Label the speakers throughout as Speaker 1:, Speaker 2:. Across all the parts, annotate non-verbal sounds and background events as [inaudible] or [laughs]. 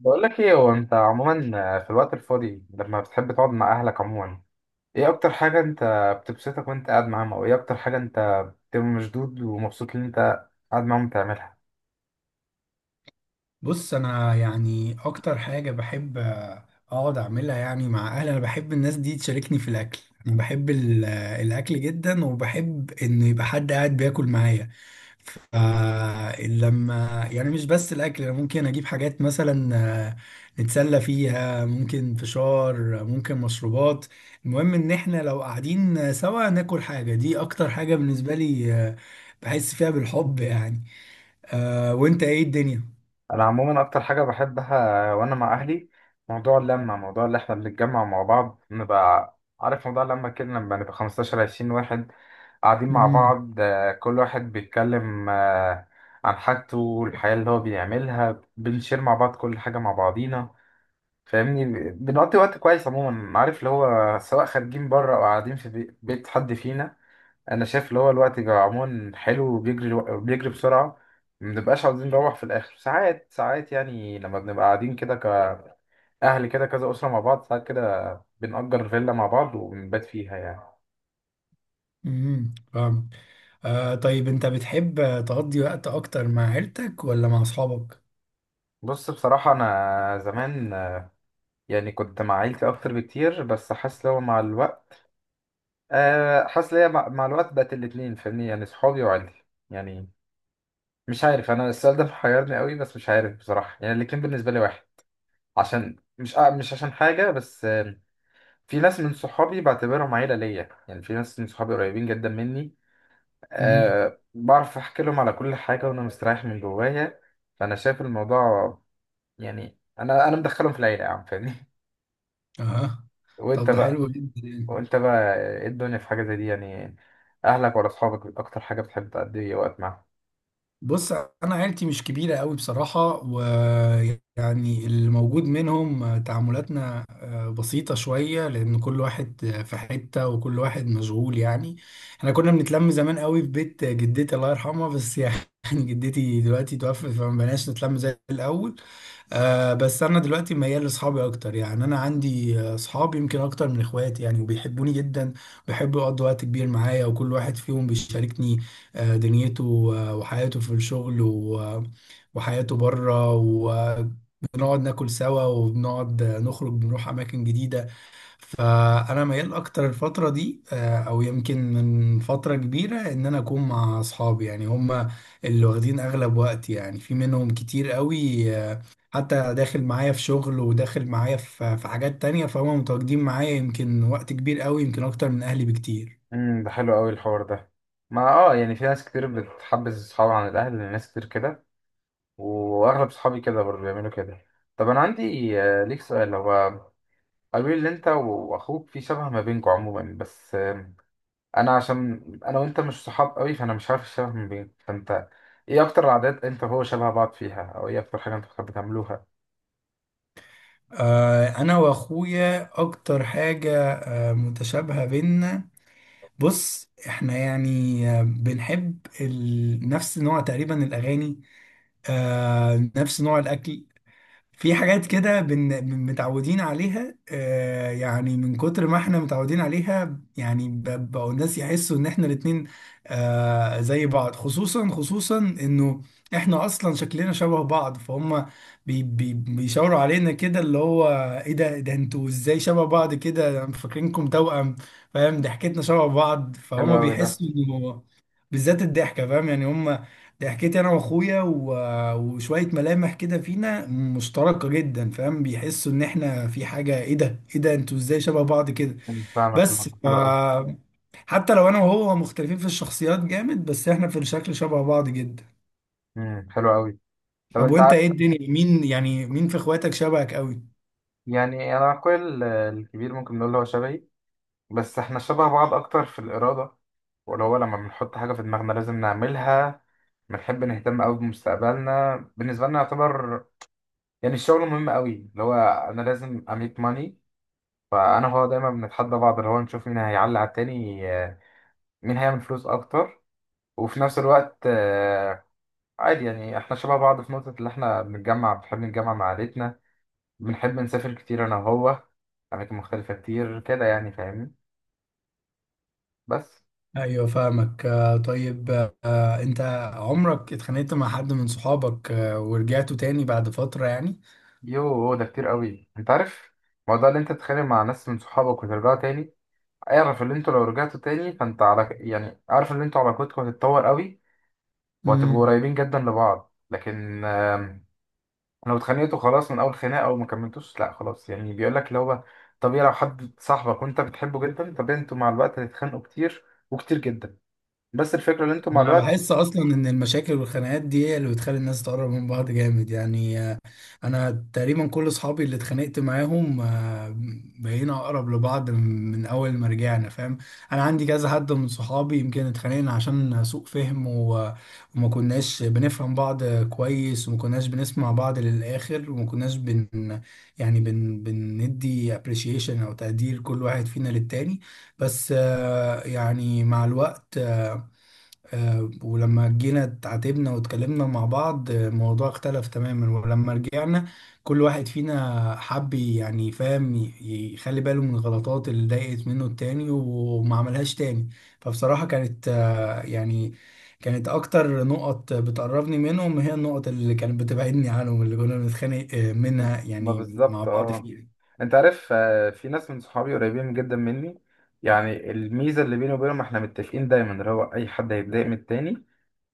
Speaker 1: بقول لك ايه، هو انت عموما في الوقت الفاضي لما بتحب تقعد مع اهلك عموما، ايه اكتر حاجة انت بتبسطك وانت قاعد معاهم؟ او ايه اكتر حاجة انت بتبقى مشدود ومبسوط ان انت قاعد معاهم بتعملها؟
Speaker 2: بص، انا يعني اكتر حاجه بحب اقعد اعملها، يعني مع اهلي. انا بحب الناس دي تشاركني في الاكل. انا بحب الاكل جدا، وبحب ان يبقى حد قاعد بياكل معايا. فلما يعني مش بس الاكل، انا ممكن اجيب حاجات مثلا آه، نتسلى فيها، ممكن فشار، ممكن مشروبات. المهم ان احنا لو قاعدين سوا ناكل حاجه، دي اكتر حاجه بالنسبه لي. بحس فيها بالحب يعني. وانت ايه الدنيا؟
Speaker 1: انا عموما اكتر حاجة بحبها وانا مع اهلي موضوع اللمة، موضوع اللي احنا بنتجمع مع بعض، نبقى عارف موضوع اللمة كده لما نبقى 15 20 واحد قاعدين مع
Speaker 2: مم.
Speaker 1: بعض. كل واحد بيتكلم عن حاجته، الحياة اللي هو بيعملها، بنشير مع بعض كل حاجة مع بعضينا، فاهمني. بنقضي وقت كويس عموما، عارف اللي هو، سواء خارجين بره او قاعدين في بيت حد فينا. انا شايف اللي هو الوقت بيبقى عموما حلو وبيجري بيجري بسرعه، ما بنبقاش عاوزين نروح في الاخر. ساعات ساعات يعني لما بنبقى قاعدين كده كاهل كده كذا اسره مع بعض، ساعات كده بنأجر فيلا مع بعض وبنبات فيها يعني.
Speaker 2: امم، فاهم. طيب، انت بتحب تقضي وقت اكتر مع عيلتك ولا مع اصحابك؟
Speaker 1: بص بصراحه، انا زمان يعني كنت مع عيلتي اكتر بكتير، بس حاسس اللي هو مع الوقت، حاسس ليا مع الوقت بقت الاتنين، فاهمني؟ يعني صحابي وعيلتي يعني، مش عارف، انا السؤال ده محيرني قوي، بس مش عارف بصراحه. يعني الاتنين بالنسبه لي واحد، عشان مش مش عشان حاجه، بس في ناس من صحابي بعتبرهم عيله ليا، يعني في ناس من صحابي قريبين جدا مني،
Speaker 2: امم.
Speaker 1: بعرف احكي لهم على كل حاجه وانا مستريح من جوايا. فانا شايف الموضوع يعني، انا مدخلهم في العيله يا عم، فاهمني.
Speaker 2: اه.
Speaker 1: [laughs] وانت
Speaker 2: طب ده
Speaker 1: بقى،
Speaker 2: حلو جدا يعني.
Speaker 1: وانت بقى ايه الدنيا في حاجه زي دي يعني، اهلك ولا اصحابك اكتر حاجه بتحب تقضي وقت معاهم؟
Speaker 2: بص، انا عيلتي مش كبيره قوي بصراحه. ويعني اللي موجود منهم، تعاملاتنا بسيطه شويه، لان كل واحد في حته وكل واحد مشغول يعني. احنا كنا بنتلم زمان قوي في بيت جدتي، الله يرحمها، بس يعني [laughs] جدتي دلوقتي توفت، فما بقناش نتلم زي الاول. بس انا دلوقتي ميال لاصحابي اكتر، يعني انا عندي اصحاب يمكن اكتر من اخواتي يعني، وبيحبوني جدا، بيحبوا يقضوا وقت كبير معايا، وكل واحد فيهم بيشاركني دنيته وحياته في الشغل وحياته بره، وبنقعد ناكل سوا، وبنقعد نخرج، بنروح اماكن جديدة. فانا ميال اكتر الفتره دي، او يمكن من فتره كبيره، ان انا اكون مع اصحابي، يعني هم اللي واخدين اغلب وقتي، يعني في منهم كتير قوي، حتى داخل معايا في شغل، وداخل معايا في حاجات تانية، فهم متواجدين معايا يمكن وقت كبير قوي، يمكن اكتر من اهلي بكتير.
Speaker 1: امم، ده حلو قوي الحوار ده. ما اه يعني، في ناس كتير بتحبس صحابها عن الاهل، ناس كتير كده، واغلب صحابي كده برضه بيعملوا كده. طب انا عندي ليك سؤال. هو قالوا لي ان انت واخوك في شبه ما بينكم عموما، بس انا عشان انا وانت مش صحاب قوي، فانا مش عارف الشبه ما بينكم، فانت ايه اكتر العادات انت وهو شبه بعض فيها؟ او ايه اكتر حاجه انتوا بتحبوا تعملوها؟
Speaker 2: انا واخويا اكتر حاجه متشابهه بينا. بص، احنا يعني بنحب نفس نوع تقريبا الاغاني، نفس نوع الاكل. في حاجات كده متعودين عليها، يعني من كتر ما احنا متعودين عليها يعني بقوا الناس يحسوا ان احنا الاتنين زي بعض، خصوصا خصوصا انه احنا اصلا شكلنا شبه بعض، فهم بيشاوروا علينا كده، اللي هو ايه ده، إيه ده، انتوا ازاي شبه بعض كده؟ أنا فاكرينكم توأم، فاهم. ضحكتنا شبه بعض،
Speaker 1: حلو
Speaker 2: فهم
Speaker 1: قوي ده.
Speaker 2: بيحسوا انه، بالذات الضحكة، فاهم يعني هم دي. حكيت انا واخويا وشويه ملامح كده فينا مشتركه جدا، فاهم؟ بيحسوا ان احنا في حاجه، ايه ده، ايه ده، انتوا ازاي شبه بعض كده؟
Speaker 1: أمم، فاهمك،
Speaker 2: بس
Speaker 1: الموضوع حلو قوي.
Speaker 2: حتى لو انا وهو مختلفين في الشخصيات جامد، بس احنا في الشكل شبه بعض جدا.
Speaker 1: حلو قوي. طب
Speaker 2: طب
Speaker 1: انت
Speaker 2: وانت ايه الدنيا، مين يعني، مين في اخواتك شبهك قوي؟
Speaker 1: يعني انا اخويا الكبير ممكن نقول هو شبهي، بس احنا شبه بعض اكتر في الإرادة، ولا هو لما بنحط حاجة في دماغنا لازم نعملها. بنحب نهتم قوي بمستقبلنا، بالنسبة لنا يعتبر يعني الشغل مهم قوي، اللي هو انا لازم اميك ماني. فانا هو دايما بنتحدى بعض اللي هو نشوف مين هيعلي على التاني، مين هيعمل فلوس اكتر. وفي نفس الوقت عادي، يعني احنا شبه بعض في نقطة اللي احنا بنتجمع، بنحب نتجمع مع عائلتنا، بنحب نسافر كتير انا وهو اماكن مختلفة كتير كده، يعني فاهمني، بس.
Speaker 2: ايوه فاهمك. طيب، انت عمرك اتخانقت مع حد من صحابك ورجعتوا تاني بعد فتره يعني؟
Speaker 1: يوه، ده كتير قوي انت عارف، موضوع اللي انت تتخانق مع ناس من صحابك وترجعوا تاني. اعرف اللي انتوا لو رجعتوا تاني، فانت على يعني اعرف ان انتوا علاقتكم هتتطور قوي وهتبقوا
Speaker 2: امم.
Speaker 1: قريبين جدا لبعض، لكن لو اتخانقتوا خلاص من اول خناقه او ما كملتوش، لا خلاص يعني، بيقول لك اللي هو طبيعي لو حد صاحبك وانت بتحبه جدا طبيعي انتوا مع الوقت هتتخانقوا كتير وكتير جدا، بس الفكره ان انتوا مع
Speaker 2: انا
Speaker 1: الوقت.
Speaker 2: بحس اصلا ان المشاكل والخناقات دي هي اللي بتخلي الناس تقرب من بعض جامد يعني. انا تقريبا كل اصحابي اللي اتخانقت معاهم، بقينا اقرب لبعض من اول ما رجعنا، فاهم. انا عندي كذا حد من صحابي يمكن اتخانقنا عشان سوء فهم، وما كناش بنفهم بعض كويس، وما كناش بنسمع بعض للاخر، وما كناش يعني بندي appreciation او تقدير كل واحد فينا للتاني. بس يعني مع الوقت، ولما جينا اتعاتبنا واتكلمنا مع بعض، الموضوع اختلف تماما. ولما رجعنا، كل واحد فينا حب يعني، فاهم، يخلي باله من الغلطات اللي ضايقت منه التاني وما عملهاش تاني. فبصراحة كانت يعني كانت أكتر نقط بتقربني منهم هي النقط اللي كانت بتبعدني عنهم، اللي كنا بنتخانق منها
Speaker 1: ما
Speaker 2: يعني مع
Speaker 1: بالظبط،
Speaker 2: بعض
Speaker 1: اه. انت عارف، في ناس من صحابي قريبين جدا مني، يعني الميزه اللي بيني وبينهم احنا متفقين دايما اللي هو اي حد هيتضايق من التاني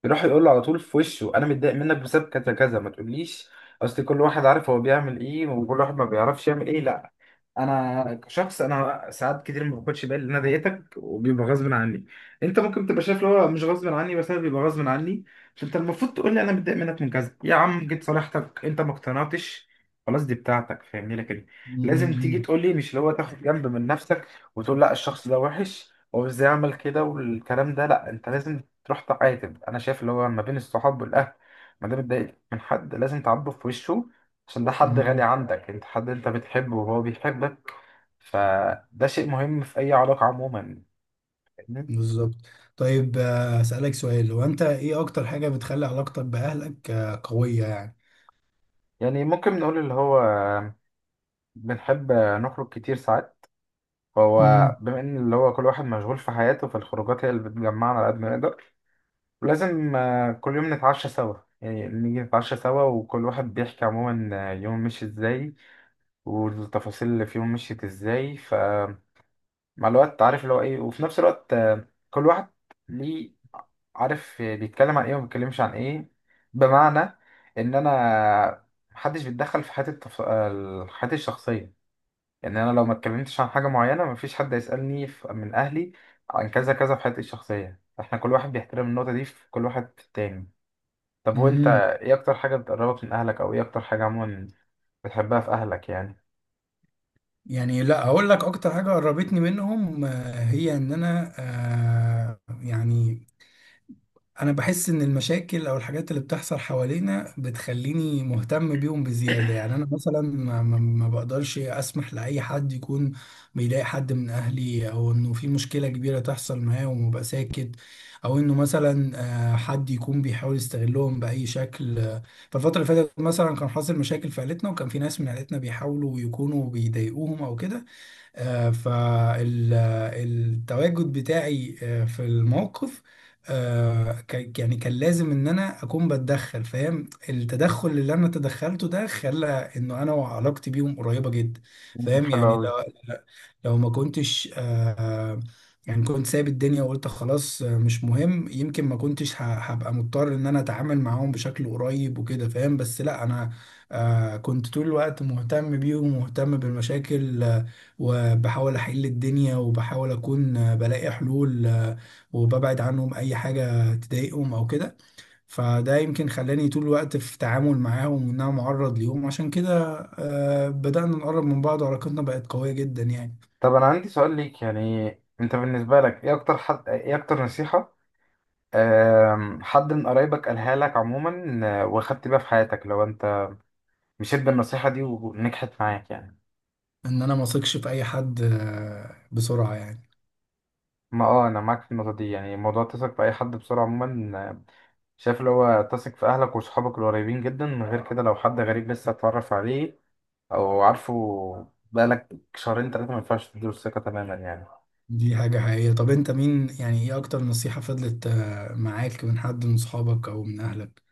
Speaker 1: يروح يقول له على طول في وشه انا متضايق منك بسبب كذا كذا. ما تقوليش اصل كل واحد عارف هو بيعمل ايه وكل واحد ما بيعرفش يعمل ايه، لا. انا كشخص انا ساعات كتير ما باخدش بالي ان انا ضايقتك، وبيبقى غصب عني. انت ممكن تبقى شايف اللي هو مش غصب عني، بس انا بيبقى غصب عني. فانت المفروض تقول لي انا متضايق منك من كذا يا عم. جيت صالحتك انت ما اقتنعتش، خلاص دي بتاعتك فاهمني، لكن لازم تيجي
Speaker 2: فيها.
Speaker 1: تقول لي، مش اللي هو تاخد جنب من نفسك وتقول لا الشخص ده وحش، هو ازاي عمل كده والكلام ده، لا انت لازم تروح تعاتب. انا شايف اللي هو ما بين الصحاب والاهل، ما دام اتضايقت من حد لازم تعاتبه في وشه، عشان ده حد غالي عندك، انت حد انت بتحبه وهو بيحبك، فده شيء مهم في اي علاقة عموما، فاهمني؟
Speaker 2: بالظبط. طيب، أسألك سؤال، هو أنت إيه أكتر حاجة بتخلي علاقتك بأهلك قوية يعني؟
Speaker 1: يعني ممكن نقول اللي هو بنحب نخرج كتير ساعات، فهو
Speaker 2: امم.
Speaker 1: بما ان اللي هو كل واحد مشغول في حياته، فالخروجات هي اللي بتجمعنا على قد ما نقدر. ولازم كل يوم نتعشى سوا، يعني نيجي نتعشى سوا وكل واحد بيحكي عموما يوم مشي ازاي والتفاصيل اللي فيهم مشيت ازاي. فمع الوقت عارف اللي هو ايه، وفي نفس الوقت كل واحد ليه عارف بيتكلم عن ايه وما بيتكلمش عن ايه. بمعنى ان انا محدش بيتدخل في حياتي التف... آه، حياتي الشخصية. يعني انا لو ما اتكلمتش عن حاجة معينة مفيش حد يسألني من اهلي عن كذا كذا في حياتي الشخصية، احنا كل واحد بيحترم النقطة دي في كل واحد في التاني. طب وانت
Speaker 2: امم.
Speaker 1: ايه اكتر حاجة بتقربك من اهلك؟ او ايه اكتر حاجة عموما بتحبها في اهلك يعني؟
Speaker 2: يعني لا اقول لك، اكتر حاجه قربتني منهم، هي ان انا، يعني انا بحس ان المشاكل او الحاجات اللي بتحصل حوالينا بتخليني مهتم بيهم بزيادة. يعني انا مثلا ما بقدرش اسمح لاي حد يكون بيضايق حد من اهلي، او انه في مشكلة كبيرة تحصل معاه ومبقى ساكت، او انه مثلا حد يكون بيحاول يستغلهم باي شكل. فالفترة اللي فاتت مثلا كان حاصل مشاكل في عيلتنا، وكان في ناس من عيلتنا بيحاولوا يكونوا بيضايقوهم او كده. فالتواجد بتاعي في الموقف، يعني كان لازم ان انا اكون بتدخل، فاهم. التدخل اللي انا تدخلته ده خلى انه انا وعلاقتي بيهم قريبة جدا، فاهم؟
Speaker 1: حلو
Speaker 2: يعني
Speaker 1: أوي.
Speaker 2: لو ما كنتش، يعني كنت سايب الدنيا وقلت خلاص، مش مهم، يمكن ما كنتش هبقى مضطر ان انا اتعامل معاهم بشكل قريب وكده، فاهم. بس لا، انا كنت طول الوقت مهتم بيهم ومهتم بالمشاكل، وبحاول احل الدنيا، وبحاول اكون بلاقي حلول، وببعد عنهم اي حاجة تضايقهم او كده. فده يمكن خلاني طول الوقت في تعامل معاهم، وان انا معرض ليهم، عشان كده بدأنا نقرب من بعض وعلاقتنا بقت قوية جدا يعني.
Speaker 1: طب انا عندي سؤال ليك يعني، انت بالنسبه لك ايه اكتر حد، ايه اكتر نصيحه حد من قرايبك قالها لك عموما واخدت بيها في حياتك، لو انت مشيت بالنصيحه دي ونجحت معاك يعني؟
Speaker 2: ان انا ما اثقش في اي حد بسرعة يعني.
Speaker 1: ما اه، انا معاك في النقطه دي، يعني موضوع تثق في اي حد بسرعه عموما شايف اللي هو تثق في اهلك وصحابك القريبين جدا من غير كده. لو حد غريب لسه اتعرف عليه او عارفه بقالك شهرين 3، ما ينفعش تديله الثقه تماما يعني.
Speaker 2: دي حاجة حقيقية. طب انت مين يعني، ايه اكتر نصيحة فضلت معاك من حد من صحابك او من اهلك؟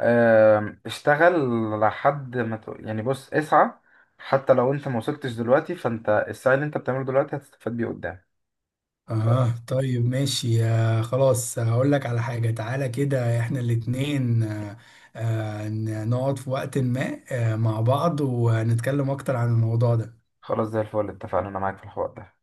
Speaker 1: آم، اشتغل لحد ما يعني بص اسعى، حتى لو انت ما وصلتش دلوقتي، فانت السعي اللي انت بتعمله دلوقتي هتستفاد بيه قدام.
Speaker 2: اه طيب، ماشي. خلاص، هقول لك على حاجة، تعالى كده احنا الاتنين، آه، نقعد في وقت ما مع بعض ونتكلم اكتر عن الموضوع ده.
Speaker 1: فخلاص زي الفل، اتفقنا، انا معاك في الحوار ده